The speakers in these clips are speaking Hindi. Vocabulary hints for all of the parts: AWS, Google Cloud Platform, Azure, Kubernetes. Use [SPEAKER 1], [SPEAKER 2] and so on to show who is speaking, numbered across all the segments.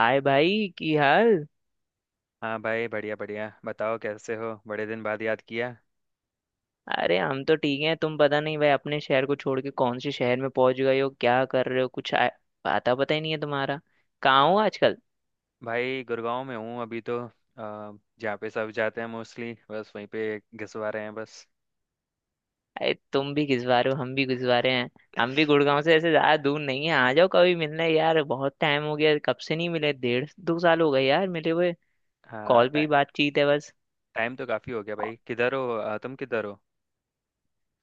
[SPEAKER 1] हाय भाई की हाल।
[SPEAKER 2] हाँ भाई बढ़िया बढ़िया बताओ कैसे हो, बड़े दिन बाद याद किया।
[SPEAKER 1] अरे हम तो ठीक हैं। तुम पता नहीं भाई अपने शहर को छोड़ के कौन से शहर में पहुंच गए हो, क्या कर रहे हो, कुछ आता पता ही नहीं है तुम्हारा। कहाँ हो आजकल?
[SPEAKER 2] भाई गुड़गांव में हूँ अभी तो जहाँ पे सब जाते हैं मोस्टली बस वहीं पे घिसवा रहे हैं बस।
[SPEAKER 1] अरे तुम भी घिसवारे हो, हम भी घिसवारे हैं। हम भी गुड़गांव से ऐसे ज्यादा दूर नहीं है, आ जाओ कभी मिलने यार। बहुत टाइम हो गया, कब से नहीं मिले, 1.5-2 साल हो गए यार मिले हुए।
[SPEAKER 2] हाँ,
[SPEAKER 1] कॉल पे ही
[SPEAKER 2] टाइम
[SPEAKER 1] बातचीत है बस।
[SPEAKER 2] टाइम तो काफ़ी हो गया भाई। किधर हो तुम किधर हो?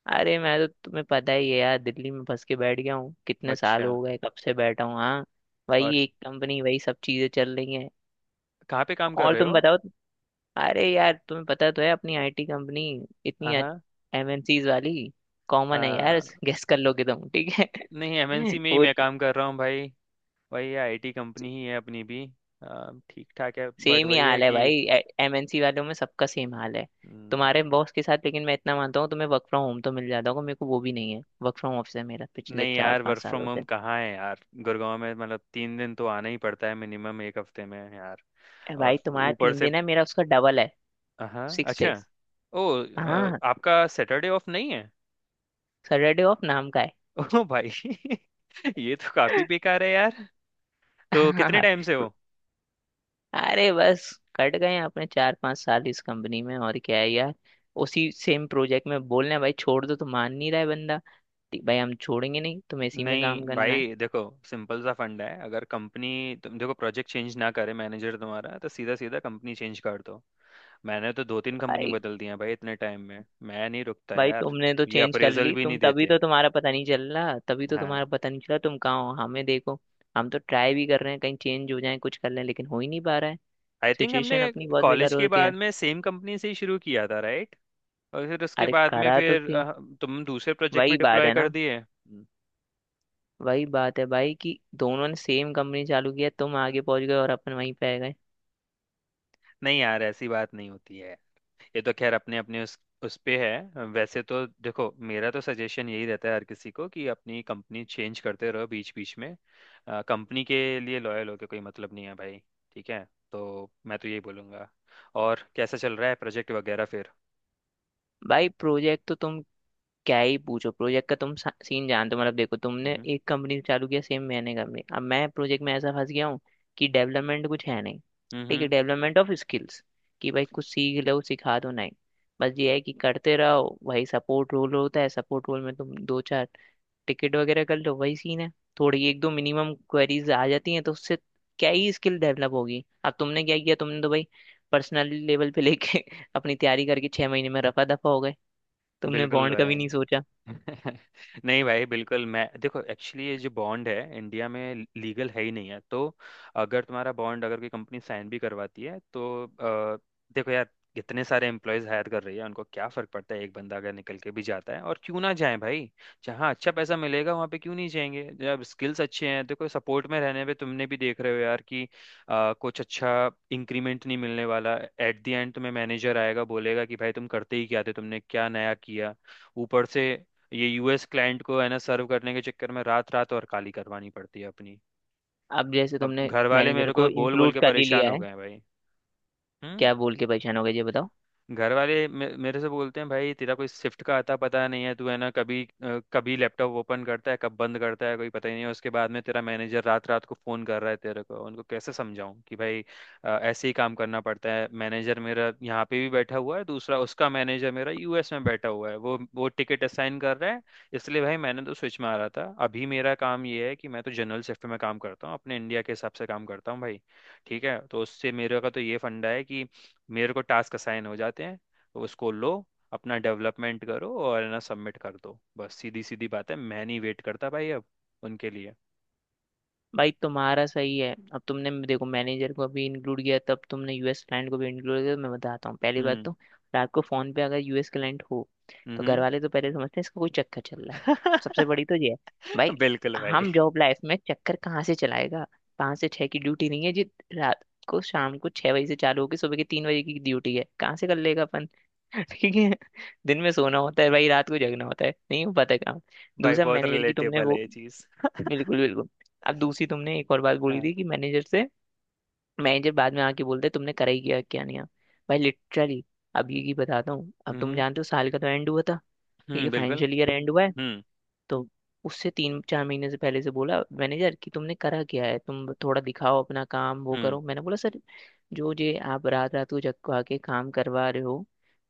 [SPEAKER 1] अरे मैं तो, तुम्हें पता ही है यार, दिल्ली में फंस के बैठ गया हूँ, कितने साल
[SPEAKER 2] अच्छा।
[SPEAKER 1] हो गए, कब से बैठा हूँ। हाँ,
[SPEAKER 2] और
[SPEAKER 1] वही एक कंपनी, वही सब चीजें चल रही हैं।
[SPEAKER 2] कहाँ पे काम कर
[SPEAKER 1] और
[SPEAKER 2] रहे
[SPEAKER 1] तुम
[SPEAKER 2] हो?
[SPEAKER 1] बताओ? अरे यार तुम्हें पता तो है अपनी आईटी कंपनी, इतनी
[SPEAKER 2] हाँ हाँ।
[SPEAKER 1] एमएनसीज वाली,
[SPEAKER 2] अ,
[SPEAKER 1] कॉमन है यार। गेस कर लोगे तुम, ठीक
[SPEAKER 2] नहीं,
[SPEAKER 1] है।
[SPEAKER 2] MNC में ही
[SPEAKER 1] वो
[SPEAKER 2] मैं काम कर रहा हूँ भाई। वही IT कंपनी ही है अपनी भी। ठीक ठाक है, बट
[SPEAKER 1] सेम ही
[SPEAKER 2] वही है
[SPEAKER 1] हाल है
[SPEAKER 2] कि।
[SPEAKER 1] भाई। एमएनसी वालों में सबका सेम हाल है
[SPEAKER 2] हम्म।
[SPEAKER 1] तुम्हारे बॉस के साथ, लेकिन मैं इतना मानता हूँ तुम्हें वर्क फ्रॉम होम तो मिल जाता होगा। मेरे को वो भी नहीं है, वर्क फ्रॉम ऑफिस है मेरा पिछले
[SPEAKER 2] नहीं
[SPEAKER 1] चार
[SPEAKER 2] यार,
[SPEAKER 1] पांच
[SPEAKER 2] वर्क फ्रॉम
[SPEAKER 1] सालों
[SPEAKER 2] होम
[SPEAKER 1] से।
[SPEAKER 2] कहाँ है यार गुड़गांव में, मतलब 3 दिन तो आना ही पड़ता है मिनिमम एक हफ्ते में यार।
[SPEAKER 1] ए भाई,
[SPEAKER 2] और
[SPEAKER 1] तुम्हारा
[SPEAKER 2] ऊपर
[SPEAKER 1] तीन
[SPEAKER 2] से।
[SPEAKER 1] दिन है, मेरा उसका डबल है।
[SPEAKER 2] हाँ,
[SPEAKER 1] सिक्स
[SPEAKER 2] अच्छा।
[SPEAKER 1] डेज।
[SPEAKER 2] ओ
[SPEAKER 1] हाँ,
[SPEAKER 2] आपका सैटरडे ऑफ नहीं है?
[SPEAKER 1] सैटरडे ऑफ नाम का है।
[SPEAKER 2] ओ भाई। ये तो काफी बेकार है यार। तो
[SPEAKER 1] हाँ
[SPEAKER 2] कितने
[SPEAKER 1] हाँ।
[SPEAKER 2] टाइम से हो?
[SPEAKER 1] अरे बस, कट गए हैं अपने 4-5 साल इस कंपनी में, और क्या है यार। उसी सेम प्रोजेक्ट में बोल रहे हैं, भाई छोड़ दो तो मान नहीं रहा है बंदा, ठीक भाई हम छोड़ेंगे नहीं, तुम्हें इसी में
[SPEAKER 2] नहीं
[SPEAKER 1] काम करना है।
[SPEAKER 2] भाई देखो, सिंपल सा फंड है, अगर कंपनी, तुम देखो प्रोजेक्ट चेंज ना करे मैनेजर तुम्हारा, तो सीधा सीधा कंपनी चेंज कर दो। मैंने तो दो तीन कंपनी
[SPEAKER 1] भाई,
[SPEAKER 2] बदल दी है भाई इतने टाइम में। मैं नहीं रुकता
[SPEAKER 1] भाई
[SPEAKER 2] यार।
[SPEAKER 1] तुमने तो
[SPEAKER 2] ये
[SPEAKER 1] चेंज कर
[SPEAKER 2] अप्रेजल
[SPEAKER 1] ली,
[SPEAKER 2] भी
[SPEAKER 1] तुम
[SPEAKER 2] नहीं
[SPEAKER 1] तभी
[SPEAKER 2] देते।
[SPEAKER 1] तो तुम्हारा पता नहीं चल रहा, तभी तो तुम्हारा
[SPEAKER 2] हाँ।
[SPEAKER 1] पता नहीं चला तुम कहाँ हो। हमें देखो, हम तो ट्राई भी कर रहे हैं कहीं चेंज हो जाए कुछ कर लें, लेकिन हो ही नहीं पा रहा है।
[SPEAKER 2] आई थिंक हमने
[SPEAKER 1] सिचुएशन अपनी बहुत
[SPEAKER 2] कॉलेज
[SPEAKER 1] बेकार हो
[SPEAKER 2] के
[SPEAKER 1] रखी
[SPEAKER 2] बाद
[SPEAKER 1] है।
[SPEAKER 2] में सेम कंपनी से ही शुरू किया था, राइट? और फिर उसके
[SPEAKER 1] अरे
[SPEAKER 2] बाद में
[SPEAKER 1] करा तो
[SPEAKER 2] फिर
[SPEAKER 1] सेम।
[SPEAKER 2] तुम दूसरे प्रोजेक्ट
[SPEAKER 1] वही
[SPEAKER 2] में
[SPEAKER 1] बात
[SPEAKER 2] डिप्लॉय
[SPEAKER 1] है
[SPEAKER 2] कर
[SPEAKER 1] ना,
[SPEAKER 2] दिए। हम्म।
[SPEAKER 1] वही बात है भाई कि दोनों ने सेम कंपनी चालू किया, तुम आगे पहुंच गए और अपन वहीं पे आ गए।
[SPEAKER 2] नहीं यार, ऐसी बात नहीं होती है। ये तो खैर अपने अपने उस पे है। वैसे तो देखो मेरा तो सजेशन यही रहता है हर किसी को, कि अपनी कंपनी चेंज करते रहो बीच बीच में। कंपनी के लिए लॉयल होके कोई मतलब नहीं है भाई। ठीक है, तो मैं तो यही बोलूंगा। और कैसा चल रहा है प्रोजेक्ट वगैरह फिर?
[SPEAKER 1] भाई प्रोजेक्ट तो तुम क्या ही पूछो, प्रोजेक्ट का तुम सीन जानते हो। मतलब देखो तुमने
[SPEAKER 2] हम्म।
[SPEAKER 1] एक कंपनी चालू किया सेम, मैंने कंपनी, अब मैं प्रोजेक्ट में ऐसा फंस गया हूँ कि डेवलपमेंट कुछ है नहीं।
[SPEAKER 2] हम्म।
[SPEAKER 1] ठीक है,
[SPEAKER 2] हम्म।
[SPEAKER 1] डेवलपमेंट ऑफ स्किल्स कि भाई कुछ सीख लो सिखा दो, नहीं। बस ये है कि करते रहो, वही सपोर्ट रोल होता है, सपोर्ट रोल में तुम दो चार टिकट वगैरह कर लो, वही सीन है। थोड़ी एक दो मिनिमम क्वेरीज आ जाती हैं तो उससे क्या ही स्किल डेवलप होगी। अब तुमने क्या किया, तुमने तो भाई पर्सनल लेवल पे लेके अपनी तैयारी करके 6 महीने में रफा दफा हो गए, तुमने
[SPEAKER 2] बिल्कुल
[SPEAKER 1] बॉन्ड का भी
[SPEAKER 2] भाई।
[SPEAKER 1] नहीं सोचा।
[SPEAKER 2] नहीं भाई बिल्कुल। मैं देखो, एक्चुअली ये जो बॉन्ड है इंडिया में, लीगल है ही नहीं है। तो अगर तुम्हारा बॉन्ड अगर कोई कंपनी साइन भी करवाती है तो देखो यार, इतने सारे एम्प्लॉयज हायर कर रही है, उनको क्या फर्क पड़ता है एक बंदा अगर निकल के भी जाता है। और क्यों ना जाए भाई, जहाँ अच्छा पैसा मिलेगा वहाँ पे क्यों नहीं जाएंगे, जब स्किल्स अच्छे हैं। देखो सपोर्ट में रहने पे तुमने भी देख रहे हो यार कि कुछ अच्छा इंक्रीमेंट नहीं मिलने वाला एट द एंड। तुम्हें मैनेजर आएगा बोलेगा कि भाई तुम करते ही क्या थे, तुमने क्या नया किया। ऊपर से ये US क्लाइंट को है ना सर्व करने के चक्कर में, रात रात और काली करवानी पड़ती है अपनी।
[SPEAKER 1] अब जैसे
[SPEAKER 2] अब
[SPEAKER 1] तुमने
[SPEAKER 2] घर वाले
[SPEAKER 1] मैनेजर
[SPEAKER 2] मेरे
[SPEAKER 1] को
[SPEAKER 2] को बोल बोल
[SPEAKER 1] इंक्लूड
[SPEAKER 2] के
[SPEAKER 1] कर ही
[SPEAKER 2] परेशान
[SPEAKER 1] लिया
[SPEAKER 2] हो
[SPEAKER 1] है,
[SPEAKER 2] गए हैं भाई। हम्म?
[SPEAKER 1] क्या बोल के परेशान हो गए ये बताओ?
[SPEAKER 2] घर वाले मेरे से बोलते हैं भाई, तेरा कोई शिफ्ट का आता पता नहीं है, तू है ना कभी कभी लैपटॉप ओपन करता है कब बंद करता है, कोई पता ही नहीं है। उसके बाद में तेरा मैनेजर रात रात को फोन कर रहा है तेरे को। उनको कैसे समझाऊं कि भाई ऐसे ही काम करना पड़ता है। मैनेजर मेरा यहाँ पे भी बैठा हुआ है दूसरा, उसका मैनेजर मेरा US में बैठा हुआ है, वो टिकट असाइन कर रहा है। इसलिए भाई मैंने तो स्विच मारा था। अभी मेरा काम ये है कि मैं तो जनरल शिफ्ट में काम करता हूँ, अपने इंडिया के हिसाब से काम करता हूँ भाई। ठीक है, तो उससे मेरे का तो ये फंडा है कि मेरे को टास्क असाइन हो जाते हैं तो उसको लो, अपना डेवलपमेंट करो और है ना सबमिट कर दो, बस सीधी सीधी बात है। मैं नहीं वेट करता भाई अब उनके लिए।
[SPEAKER 1] भाई तुम्हारा सही है, अब तुमने देखो मैनेजर को भी इंक्लूड किया, तब तुमने यूएस क्लाइंट को भी इंक्लूड किया, तो मैं बताता हूँ पहली बात
[SPEAKER 2] हम्म।
[SPEAKER 1] तो रात को फोन पे अगर यूएस क्लाइंट हो, तो घर
[SPEAKER 2] हम्म।
[SPEAKER 1] वाले तो पहले समझते हैं इसका कोई चक्कर चल रहा है। सबसे बड़ी तो ये है भाई,
[SPEAKER 2] बिल्कुल भाई।
[SPEAKER 1] हम जॉब लाइफ में चक्कर कहाँ से चलाएगा। 5 से 6 की ड्यूटी नहीं है जी, रात को, शाम को 6 बजे से चालू होगी, सुबह के 3 बजे की ड्यूटी है, कहाँ से कर लेगा अपन। ठीक है। दिन में सोना होता है भाई, रात को जगना होता है, नहीं हो पाता काम।
[SPEAKER 2] भाई
[SPEAKER 1] दूसरा
[SPEAKER 2] बहुत
[SPEAKER 1] मैनेजर की तुमने
[SPEAKER 2] रिलेटेबल है
[SPEAKER 1] वो,
[SPEAKER 2] ये चीज़।
[SPEAKER 1] बिल्कुल बिल्कुल। अब दूसरी तुमने एक और बात बोली
[SPEAKER 2] हाँ।
[SPEAKER 1] थी कि मैनेजर से, मैनेजर बाद में आके बोलते तुमने करा ही क्या, क्या नहीं है भाई, लिटरली। अभी की बताता हूँ, अब तुम
[SPEAKER 2] हम्म।
[SPEAKER 1] जानते हो साल का तो एंड हुआ था, ठीक है,
[SPEAKER 2] हम्म। बिल्कुल।
[SPEAKER 1] फाइनेंशियल ईयर एंड हुआ है।
[SPEAKER 2] हम्म।
[SPEAKER 1] तो उससे 3-4 महीने से पहले से बोला मैनेजर कि तुमने करा क्या है, तुम थोड़ा दिखाओ अपना काम वो
[SPEAKER 2] हम्म।
[SPEAKER 1] करो। मैंने बोला सर, जो जे आप रात रात को जग को आके काम करवा रहे हो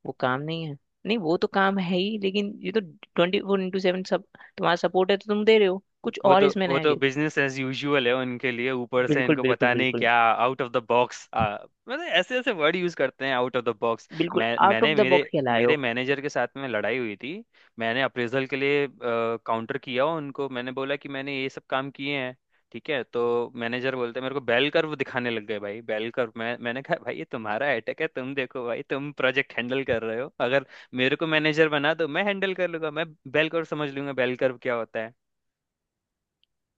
[SPEAKER 1] वो काम नहीं है? नहीं, वो तो काम है ही, लेकिन ये तो 24x7 सब तुम्हारा सपोर्ट है, तो तुम दे रहे हो, कुछ
[SPEAKER 2] वो
[SPEAKER 1] और
[SPEAKER 2] तो
[SPEAKER 1] इसमें
[SPEAKER 2] वो
[SPEAKER 1] नया?
[SPEAKER 2] तो बिजनेस एज यूजुअल है उनके लिए। ऊपर से
[SPEAKER 1] बिल्कुल
[SPEAKER 2] इनको
[SPEAKER 1] बिल्कुल
[SPEAKER 2] पता नहीं
[SPEAKER 1] बिल्कुल।
[SPEAKER 2] क्या आउट ऑफ द बॉक्स, मतलब ऐसे ऐसे वर्ड यूज करते हैं, आउट ऑफ द बॉक्स।
[SPEAKER 1] बिल्कुल
[SPEAKER 2] मैं
[SPEAKER 1] आउट ऑफ
[SPEAKER 2] मैंने
[SPEAKER 1] द
[SPEAKER 2] मेरे
[SPEAKER 1] बॉक्स लाए
[SPEAKER 2] मेरे
[SPEAKER 1] हो।
[SPEAKER 2] मैनेजर के साथ में लड़ाई हुई थी। मैंने अप्रेजल के लिए काउंटर किया उनको, मैंने बोला कि मैंने ये सब काम किए हैं। ठीक है तो मैनेजर बोलते हैं मेरे को, बेल कर्व दिखाने लग गए भाई बेल कर्व। मैंने कहा भाई ये तुम्हारा अटैक है। तुम देखो भाई तुम प्रोजेक्ट हैंडल कर रहे हो, अगर मेरे को मैनेजर बना दो, मैं हैंडल कर लूंगा। मैं बेल कर्व समझ लूंगा, बेल कर्व क्या होता है।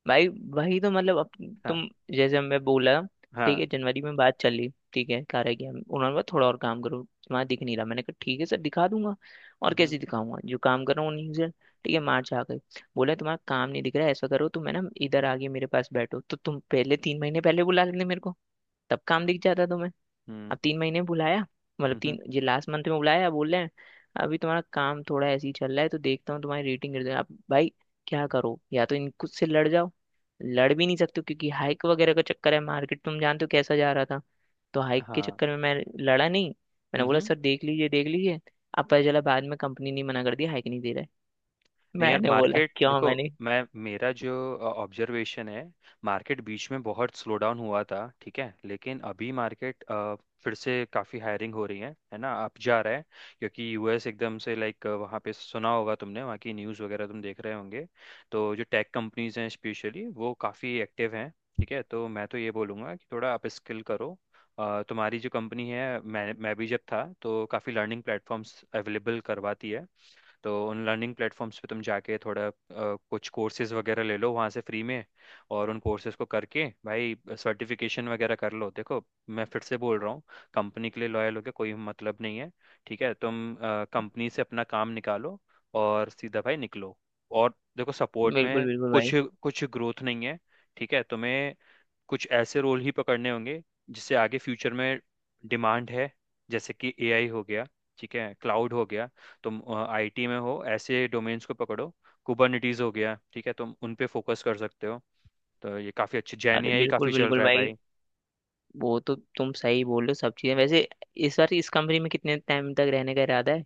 [SPEAKER 1] भाई वही तो मतलब तुम
[SPEAKER 2] हाँ।
[SPEAKER 1] जैसे मैं बोला, ठीक
[SPEAKER 2] हाँ।
[SPEAKER 1] है जनवरी में बात चली, ठीक है, कह रहा कि हम, उन्होंने बोला थोड़ा और काम करो तुम्हारा दिख नहीं रहा, मैंने कहा ठीक है सर दिखा दूंगा, और
[SPEAKER 2] हम्म।
[SPEAKER 1] कैसे दिखाऊंगा जो काम कर रहा हूँ उन्हीं से, ठीक है। मार्च आ गए, बोला तुम्हारा काम नहीं दिख रहा है, ऐसा करो तो मैं ना इधर आगे मेरे पास बैठो तो, तुम पहले 3 महीने पहले बुला लेते मेरे को तब काम दिख जाता तुम्हें।
[SPEAKER 2] हम्म।
[SPEAKER 1] अब 3 महीने में बुलाया, मतलब
[SPEAKER 2] हम्म। हम्म।
[SPEAKER 1] तीन, ये लास्ट मंथ में बुलाया, बोल रहे हैं अभी तुम्हारा काम थोड़ा ऐसे ही चल रहा है तो देखता हूँ तुम्हारी रेटिंग गिर जाए। अब भाई क्या करो, या तो इनको से लड़ जाओ, लड़ भी नहीं सकते हो, क्योंकि हाइक वगैरह का चक्कर है, मार्केट तुम जानते हो कैसा जा रहा था। तो हाइक के
[SPEAKER 2] हाँ।
[SPEAKER 1] चक्कर में मैं लड़ा नहीं, मैंने बोला
[SPEAKER 2] हम्म।
[SPEAKER 1] सर देख लीजिए देख लीजिए। अब पता चला बाद में कंपनी ने मना कर दिया, हाइक नहीं दे रहा है।
[SPEAKER 2] नहीं यार
[SPEAKER 1] मैंने बोला
[SPEAKER 2] मार्केट
[SPEAKER 1] क्यों,
[SPEAKER 2] देखो।
[SPEAKER 1] मैंने
[SPEAKER 2] मैं मेरा जो ऑब्जर्वेशन है, मार्केट बीच में बहुत स्लो डाउन हुआ था, ठीक है। लेकिन अभी मार्केट फिर से काफ़ी हायरिंग हो रही है ना, अप जा रहा है। क्योंकि US एकदम से, लाइक वहाँ पे सुना होगा तुमने, वहाँ की न्यूज़ वगैरह तुम देख रहे होंगे। तो जो टेक कंपनीज हैं स्पेशली, वो काफ़ी एक्टिव हैं। ठीक है, तो मैं तो ये बोलूँगा कि थोड़ा आप स्किल करो। तुम्हारी जो कंपनी है, मैं भी जब था तो काफ़ी लर्निंग प्लेटफॉर्म्स अवेलेबल करवाती है। तो उन लर्निंग प्लेटफॉर्म्स पे तुम जाके थोड़ा कुछ कोर्सेज वगैरह ले लो वहाँ से फ्री में। और उन कोर्सेज को करके भाई सर्टिफिकेशन वगैरह कर लो। देखो मैं फिर से बोल रहा हूँ, कंपनी के लिए लॉयल होके कोई मतलब नहीं है। ठीक है, तुम कंपनी से अपना काम निकालो और सीधा भाई निकलो। और देखो सपोर्ट
[SPEAKER 1] बिल्कुल
[SPEAKER 2] में
[SPEAKER 1] बिल्कुल
[SPEAKER 2] कुछ
[SPEAKER 1] भाई।
[SPEAKER 2] कुछ ग्रोथ नहीं है। ठीक है, तुम्हें कुछ ऐसे रोल ही पकड़ने होंगे जिससे आगे फ्यूचर में डिमांड है। जैसे कि AI हो गया, ठीक है, क्लाउड हो गया, तुम IT में हो, ऐसे डोमेन्स को पकड़ो, कुबरनिटीज हो गया। ठीक है, तुम उन पे फोकस कर सकते हो। तो ये काफ़ी अच्छी, जेन
[SPEAKER 1] अरे
[SPEAKER 2] AI
[SPEAKER 1] बिल्कुल
[SPEAKER 2] काफ़ी चल
[SPEAKER 1] बिल्कुल
[SPEAKER 2] रहा है
[SPEAKER 1] भाई,
[SPEAKER 2] भाई।
[SPEAKER 1] वो तो तुम सही बोल रहे हो सब चीजें वैसे। इस बार इस कंपनी में कितने टाइम तक रहने का इरादा है,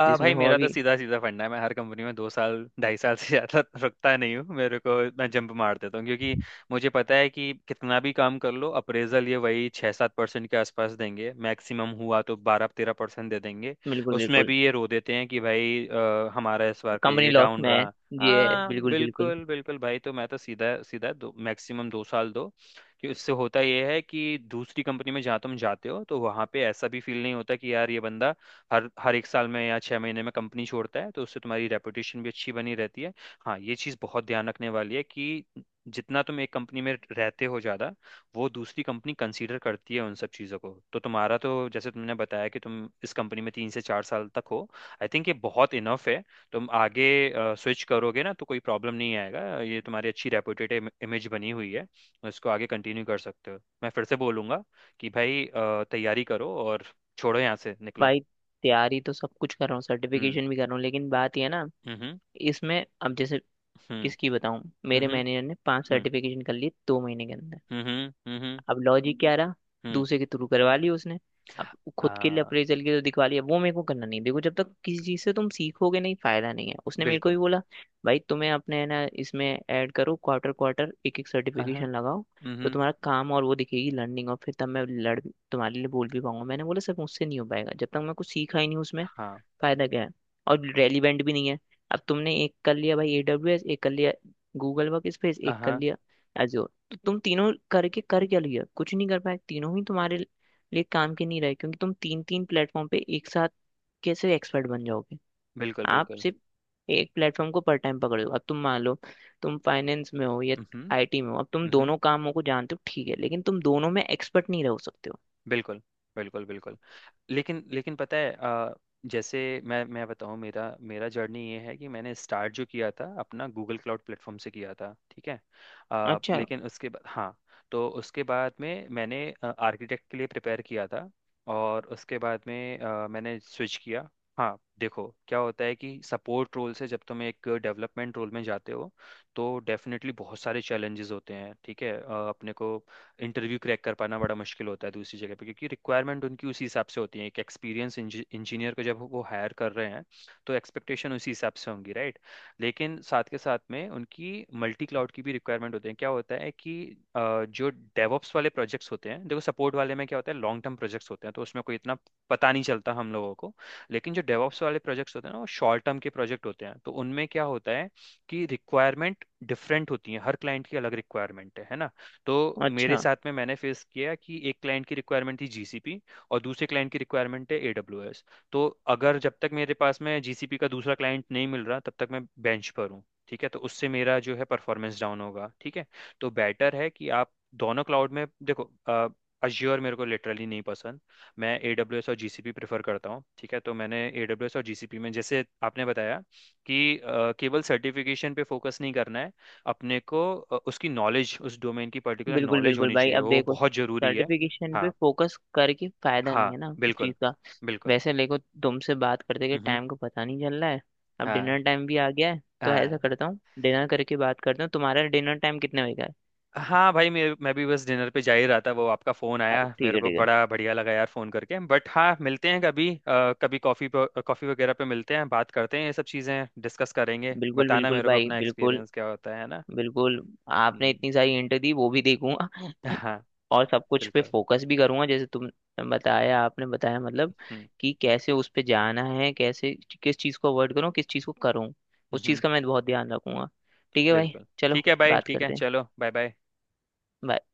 [SPEAKER 2] आ
[SPEAKER 1] जिसमें
[SPEAKER 2] भाई,
[SPEAKER 1] हो
[SPEAKER 2] मेरा तो
[SPEAKER 1] अभी?
[SPEAKER 2] सीधा सीधा फंडा है, मैं हर कंपनी में 2 साल, 2.5 साल से ज़्यादा रुकता नहीं हूँ। मेरे को मैं जंप मार देता हूँ क्योंकि मुझे पता है कि कितना भी काम कर लो अप्रेजल ये वही 6-7% के आसपास देंगे, मैक्सिमम हुआ तो 12-13% दे देंगे।
[SPEAKER 1] बिल्कुल
[SPEAKER 2] उसमें
[SPEAKER 1] बिल्कुल।
[SPEAKER 2] भी ये रो देते हैं कि भाई हमारा इस बार के
[SPEAKER 1] कंपनी
[SPEAKER 2] ये
[SPEAKER 1] लॉस
[SPEAKER 2] डाउन
[SPEAKER 1] में है।
[SPEAKER 2] रहा।
[SPEAKER 1] ये है,
[SPEAKER 2] हाँ,
[SPEAKER 1] बिल्कुल बिल्कुल
[SPEAKER 2] बिल्कुल बिल्कुल भाई। तो मैं तो सीधा सीधा दो, मैक्सिमम 2 साल दो, कि उससे होता यह है कि दूसरी कंपनी में जहाँ तुम जाते हो तो वहाँ पे ऐसा भी फील नहीं होता कि यार ये बंदा हर हर एक साल में या 6 महीने में कंपनी छोड़ता है। तो उससे तुम्हारी रेपुटेशन भी अच्छी बनी रहती है। हाँ, ये चीज़ बहुत ध्यान रखने वाली है, कि जितना तुम एक कंपनी में रहते हो ज़्यादा, वो दूसरी कंपनी कंसीडर करती है उन सब चीज़ों को। तो तुम्हारा तो जैसे तुमने बताया कि तुम इस कंपनी में 3 से 4 साल तक हो। आई थिंक ये बहुत इनफ है। तुम आगे स्विच करोगे ना तो कोई प्रॉब्लम नहीं आएगा। ये तुम्हारी अच्छी रेपुटेड इमेज बनी हुई है, इसको आगे कंटिन्यू कर सकते हो। मैं फिर से बोलूँगा कि भाई तैयारी करो और छोड़ो यहाँ से निकलो।
[SPEAKER 1] भाई। तैयारी तो सब कुछ कर रहा हूँ,
[SPEAKER 2] हम्म।
[SPEAKER 1] सर्टिफिकेशन भी कर रहा हूँ, लेकिन बात ये है ना,
[SPEAKER 2] हम्म।
[SPEAKER 1] इसमें अब जैसे
[SPEAKER 2] हम्म।
[SPEAKER 1] इसकी बताऊं, मेरे
[SPEAKER 2] हम्म।
[SPEAKER 1] मैनेजर ने पांच
[SPEAKER 2] हम्म।
[SPEAKER 1] सर्टिफिकेशन कर ली 2 महीने के अंदर।
[SPEAKER 2] हम्म। हम्म।
[SPEAKER 1] अब लॉजिक क्या रहा,
[SPEAKER 2] हम्म।
[SPEAKER 1] दूसरे के थ्रू करवा ली उसने। अब खुद के लिए
[SPEAKER 2] आ।
[SPEAKER 1] अप्रेजल के तो दिखवा लिया, वो मेरे को करना नहीं। देखो, जब तक किसी चीज से तुम सीखोगे नहीं फायदा नहीं है। उसने मेरे को
[SPEAKER 2] बिल्कुल।
[SPEAKER 1] भी बोला भाई तुम्हें अपने है ना इसमें ऐड करो, क्वार्टर क्वार्टर एक एक
[SPEAKER 2] अहाँ।
[SPEAKER 1] सर्टिफिकेशन लगाओ, तो
[SPEAKER 2] हम्म।
[SPEAKER 1] तुम्हारा काम, और वो दिखेगी लर्निंग, और फिर तब मैं लड़ तुम्हारे लिए बोल भी पाऊंगा। मैंने बोला सर मुझसे नहीं हो पाएगा, जब तक मैं कुछ सीखा ही नहीं उसमें
[SPEAKER 2] हाँ।
[SPEAKER 1] फायदा क्या है, और रेलिवेंट भी नहीं है। अब तुमने एक कर लिया भाई एडब्ल्यूएस, एक कर लिया गूगल वर्क स्पेस, एक कर
[SPEAKER 2] अहाँ।
[SPEAKER 1] लिया एजोर, तो तुम तीनों करके कर क्या लिया? कुछ नहीं कर पाए, तीनों ही तुम्हारे लिए काम के नहीं रहे, क्योंकि तुम तीन तीन प्लेटफॉर्म पे एक साथ कैसे एक्सपर्ट बन जाओगे।
[SPEAKER 2] बिल्कुल।
[SPEAKER 1] आप
[SPEAKER 2] बिल्कुल।
[SPEAKER 1] सिर्फ एक प्लेटफॉर्म को पर टाइम पकड़े हो। अब तुम मान लो तुम फाइनेंस में हो या
[SPEAKER 2] हम्म।
[SPEAKER 1] आईटी में हो, अब तुम
[SPEAKER 2] हम्म।
[SPEAKER 1] दोनों कामों को जानते हो, ठीक है, लेकिन तुम दोनों में एक्सपर्ट नहीं रह सकते हो।
[SPEAKER 2] बिल्कुल। बिल्कुल। बिल्कुल। लेकिन लेकिन पता है जैसे मैं बताऊं, मेरा मेरा जर्नी ये है कि मैंने स्टार्ट जो किया था अपना गूगल क्लाउड प्लेटफॉर्म से किया था, ठीक है।
[SPEAKER 1] अच्छा
[SPEAKER 2] लेकिन उसके बाद, हाँ, तो उसके बाद में मैंने आर्किटेक्ट के लिए प्रिपेयर किया था और उसके बाद में मैंने स्विच किया। हाँ देखो क्या होता है कि सपोर्ट रोल से जब तुम एक डेवलपमेंट रोल में जाते हो तो डेफिनेटली बहुत सारे चैलेंजेस होते हैं, ठीक है। अपने को इंटरव्यू क्रैक कर पाना बड़ा मुश्किल होता है दूसरी जगह पे, क्योंकि रिक्वायरमेंट उनकी उसी हिसाब से होती है, एक एक्सपीरियंस इंजीनियर को जब वो हायर कर रहे हैं तो एक्सपेक्टेशन उसी हिसाब से होंगी, राइट। लेकिन साथ के साथ में उनकी मल्टी क्लाउड की भी रिक्वायरमेंट होती है। क्या होता है कि अ, जो डेवॉप्स वाले प्रोजेक्ट्स होते हैं, देखो सपोर्ट वाले में क्या होता है, लॉन्ग टर्म प्रोजेक्ट्स होते हैं तो उसमें कोई इतना पता नहीं चलता हम लोगों को। लेकिन जो डेवॉप्स वाले प्रोजेक्ट्स होते हैं ना, वो शॉर्ट टर्म के प्रोजेक्ट होते हैं तो उनमें क्या होता है कि रिक्वायरमेंट डिफरेंट होती है, हर क्लाइंट की अलग रिक्वायरमेंट है ना। तो मेरे
[SPEAKER 1] अच्छा।
[SPEAKER 2] साथ में मैंने फेस किया कि एक क्लाइंट की रिक्वायरमेंट थी GCP, और दूसरे क्लाइंट की रिक्वायरमेंट है AWS। तो अगर, जब तक मेरे पास में GCP का दूसरा क्लाइंट नहीं मिल रहा तब तक मैं बेंच पर हूँ, ठीक है, तो उससे मेरा जो है परफॉर्मेंस डाउन होगा, ठीक है। तो बेटर है कि आप दोनों क्लाउड में देखो। अज्योर मेरे को लिटरली नहीं पसंद। मैं AWS और GCP प्रेफर करता हूँ, ठीक है। तो मैंने AWS और जी सी पी में, जैसे आपने बताया कि केवल सर्टिफिकेशन पे फोकस नहीं करना है, अपने को उसकी नॉलेज, उस डोमेन की पर्टिकुलर
[SPEAKER 1] बिल्कुल
[SPEAKER 2] नॉलेज
[SPEAKER 1] बिल्कुल
[SPEAKER 2] होनी
[SPEAKER 1] भाई,
[SPEAKER 2] चाहिए,
[SPEAKER 1] अब
[SPEAKER 2] वो
[SPEAKER 1] देखो
[SPEAKER 2] बहुत जरूरी है।
[SPEAKER 1] सर्टिफिकेशन पे
[SPEAKER 2] हाँ।
[SPEAKER 1] फोकस करके फायदा नहीं
[SPEAKER 2] हाँ
[SPEAKER 1] है ना उस
[SPEAKER 2] बिल्कुल।
[SPEAKER 1] चीज का।
[SPEAKER 2] बिल्कुल।
[SPEAKER 1] वैसे देखो, तुमसे बात करते के
[SPEAKER 2] हम्म।
[SPEAKER 1] टाइम को पता नहीं चल रहा है। अब
[SPEAKER 2] हाँ।
[SPEAKER 1] डिनर टाइम भी आ गया है, तो ऐसा
[SPEAKER 2] हाँ।
[SPEAKER 1] करता हूँ डिनर करके बात करता हूँ। तुम्हारा डिनर टाइम कितने बजे का है?
[SPEAKER 2] हाँ भाई, मैं भी बस डिनर पे जा ही रहा था, वो आपका फ़ोन आया।
[SPEAKER 1] अरे ठीक
[SPEAKER 2] मेरे
[SPEAKER 1] है
[SPEAKER 2] को
[SPEAKER 1] ठीक है,
[SPEAKER 2] बड़ा बढ़िया लगा यार फ़ोन करके। बट हाँ मिलते हैं कभी कभी, कॉफ़ी कॉफ़ी वगैरह पे मिलते हैं, बात करते हैं, ये सब चीज़ें डिस्कस करेंगे।
[SPEAKER 1] बिल्कुल
[SPEAKER 2] बताना
[SPEAKER 1] बिल्कुल
[SPEAKER 2] मेरे को
[SPEAKER 1] भाई,
[SPEAKER 2] अपना
[SPEAKER 1] बिल्कुल।
[SPEAKER 2] एक्सपीरियंस क्या होता है, ना।
[SPEAKER 1] बिल्कुल। आपने
[SPEAKER 2] हम्म।
[SPEAKER 1] इतनी सारी इंटर दी वो भी देखूंगा,
[SPEAKER 2] हाँ
[SPEAKER 1] और सब कुछ पे
[SPEAKER 2] बिल्कुल।
[SPEAKER 1] फोकस भी करूंगा जैसे तुम बताया, आपने बताया मतलब
[SPEAKER 2] हम्म।
[SPEAKER 1] कि कैसे उस पे जाना है, कैसे किस चीज़ को अवॉइड करूँ, किस चीज़ को करूँ, उस चीज़
[SPEAKER 2] हम्म।
[SPEAKER 1] का मैं बहुत ध्यान रखूंगा। ठीक है भाई
[SPEAKER 2] बिल्कुल।
[SPEAKER 1] चलो
[SPEAKER 2] ठीक है भाई,
[SPEAKER 1] बात
[SPEAKER 2] ठीक है,
[SPEAKER 1] करते हैं।
[SPEAKER 2] चलो बाय बाय।
[SPEAKER 1] Bye.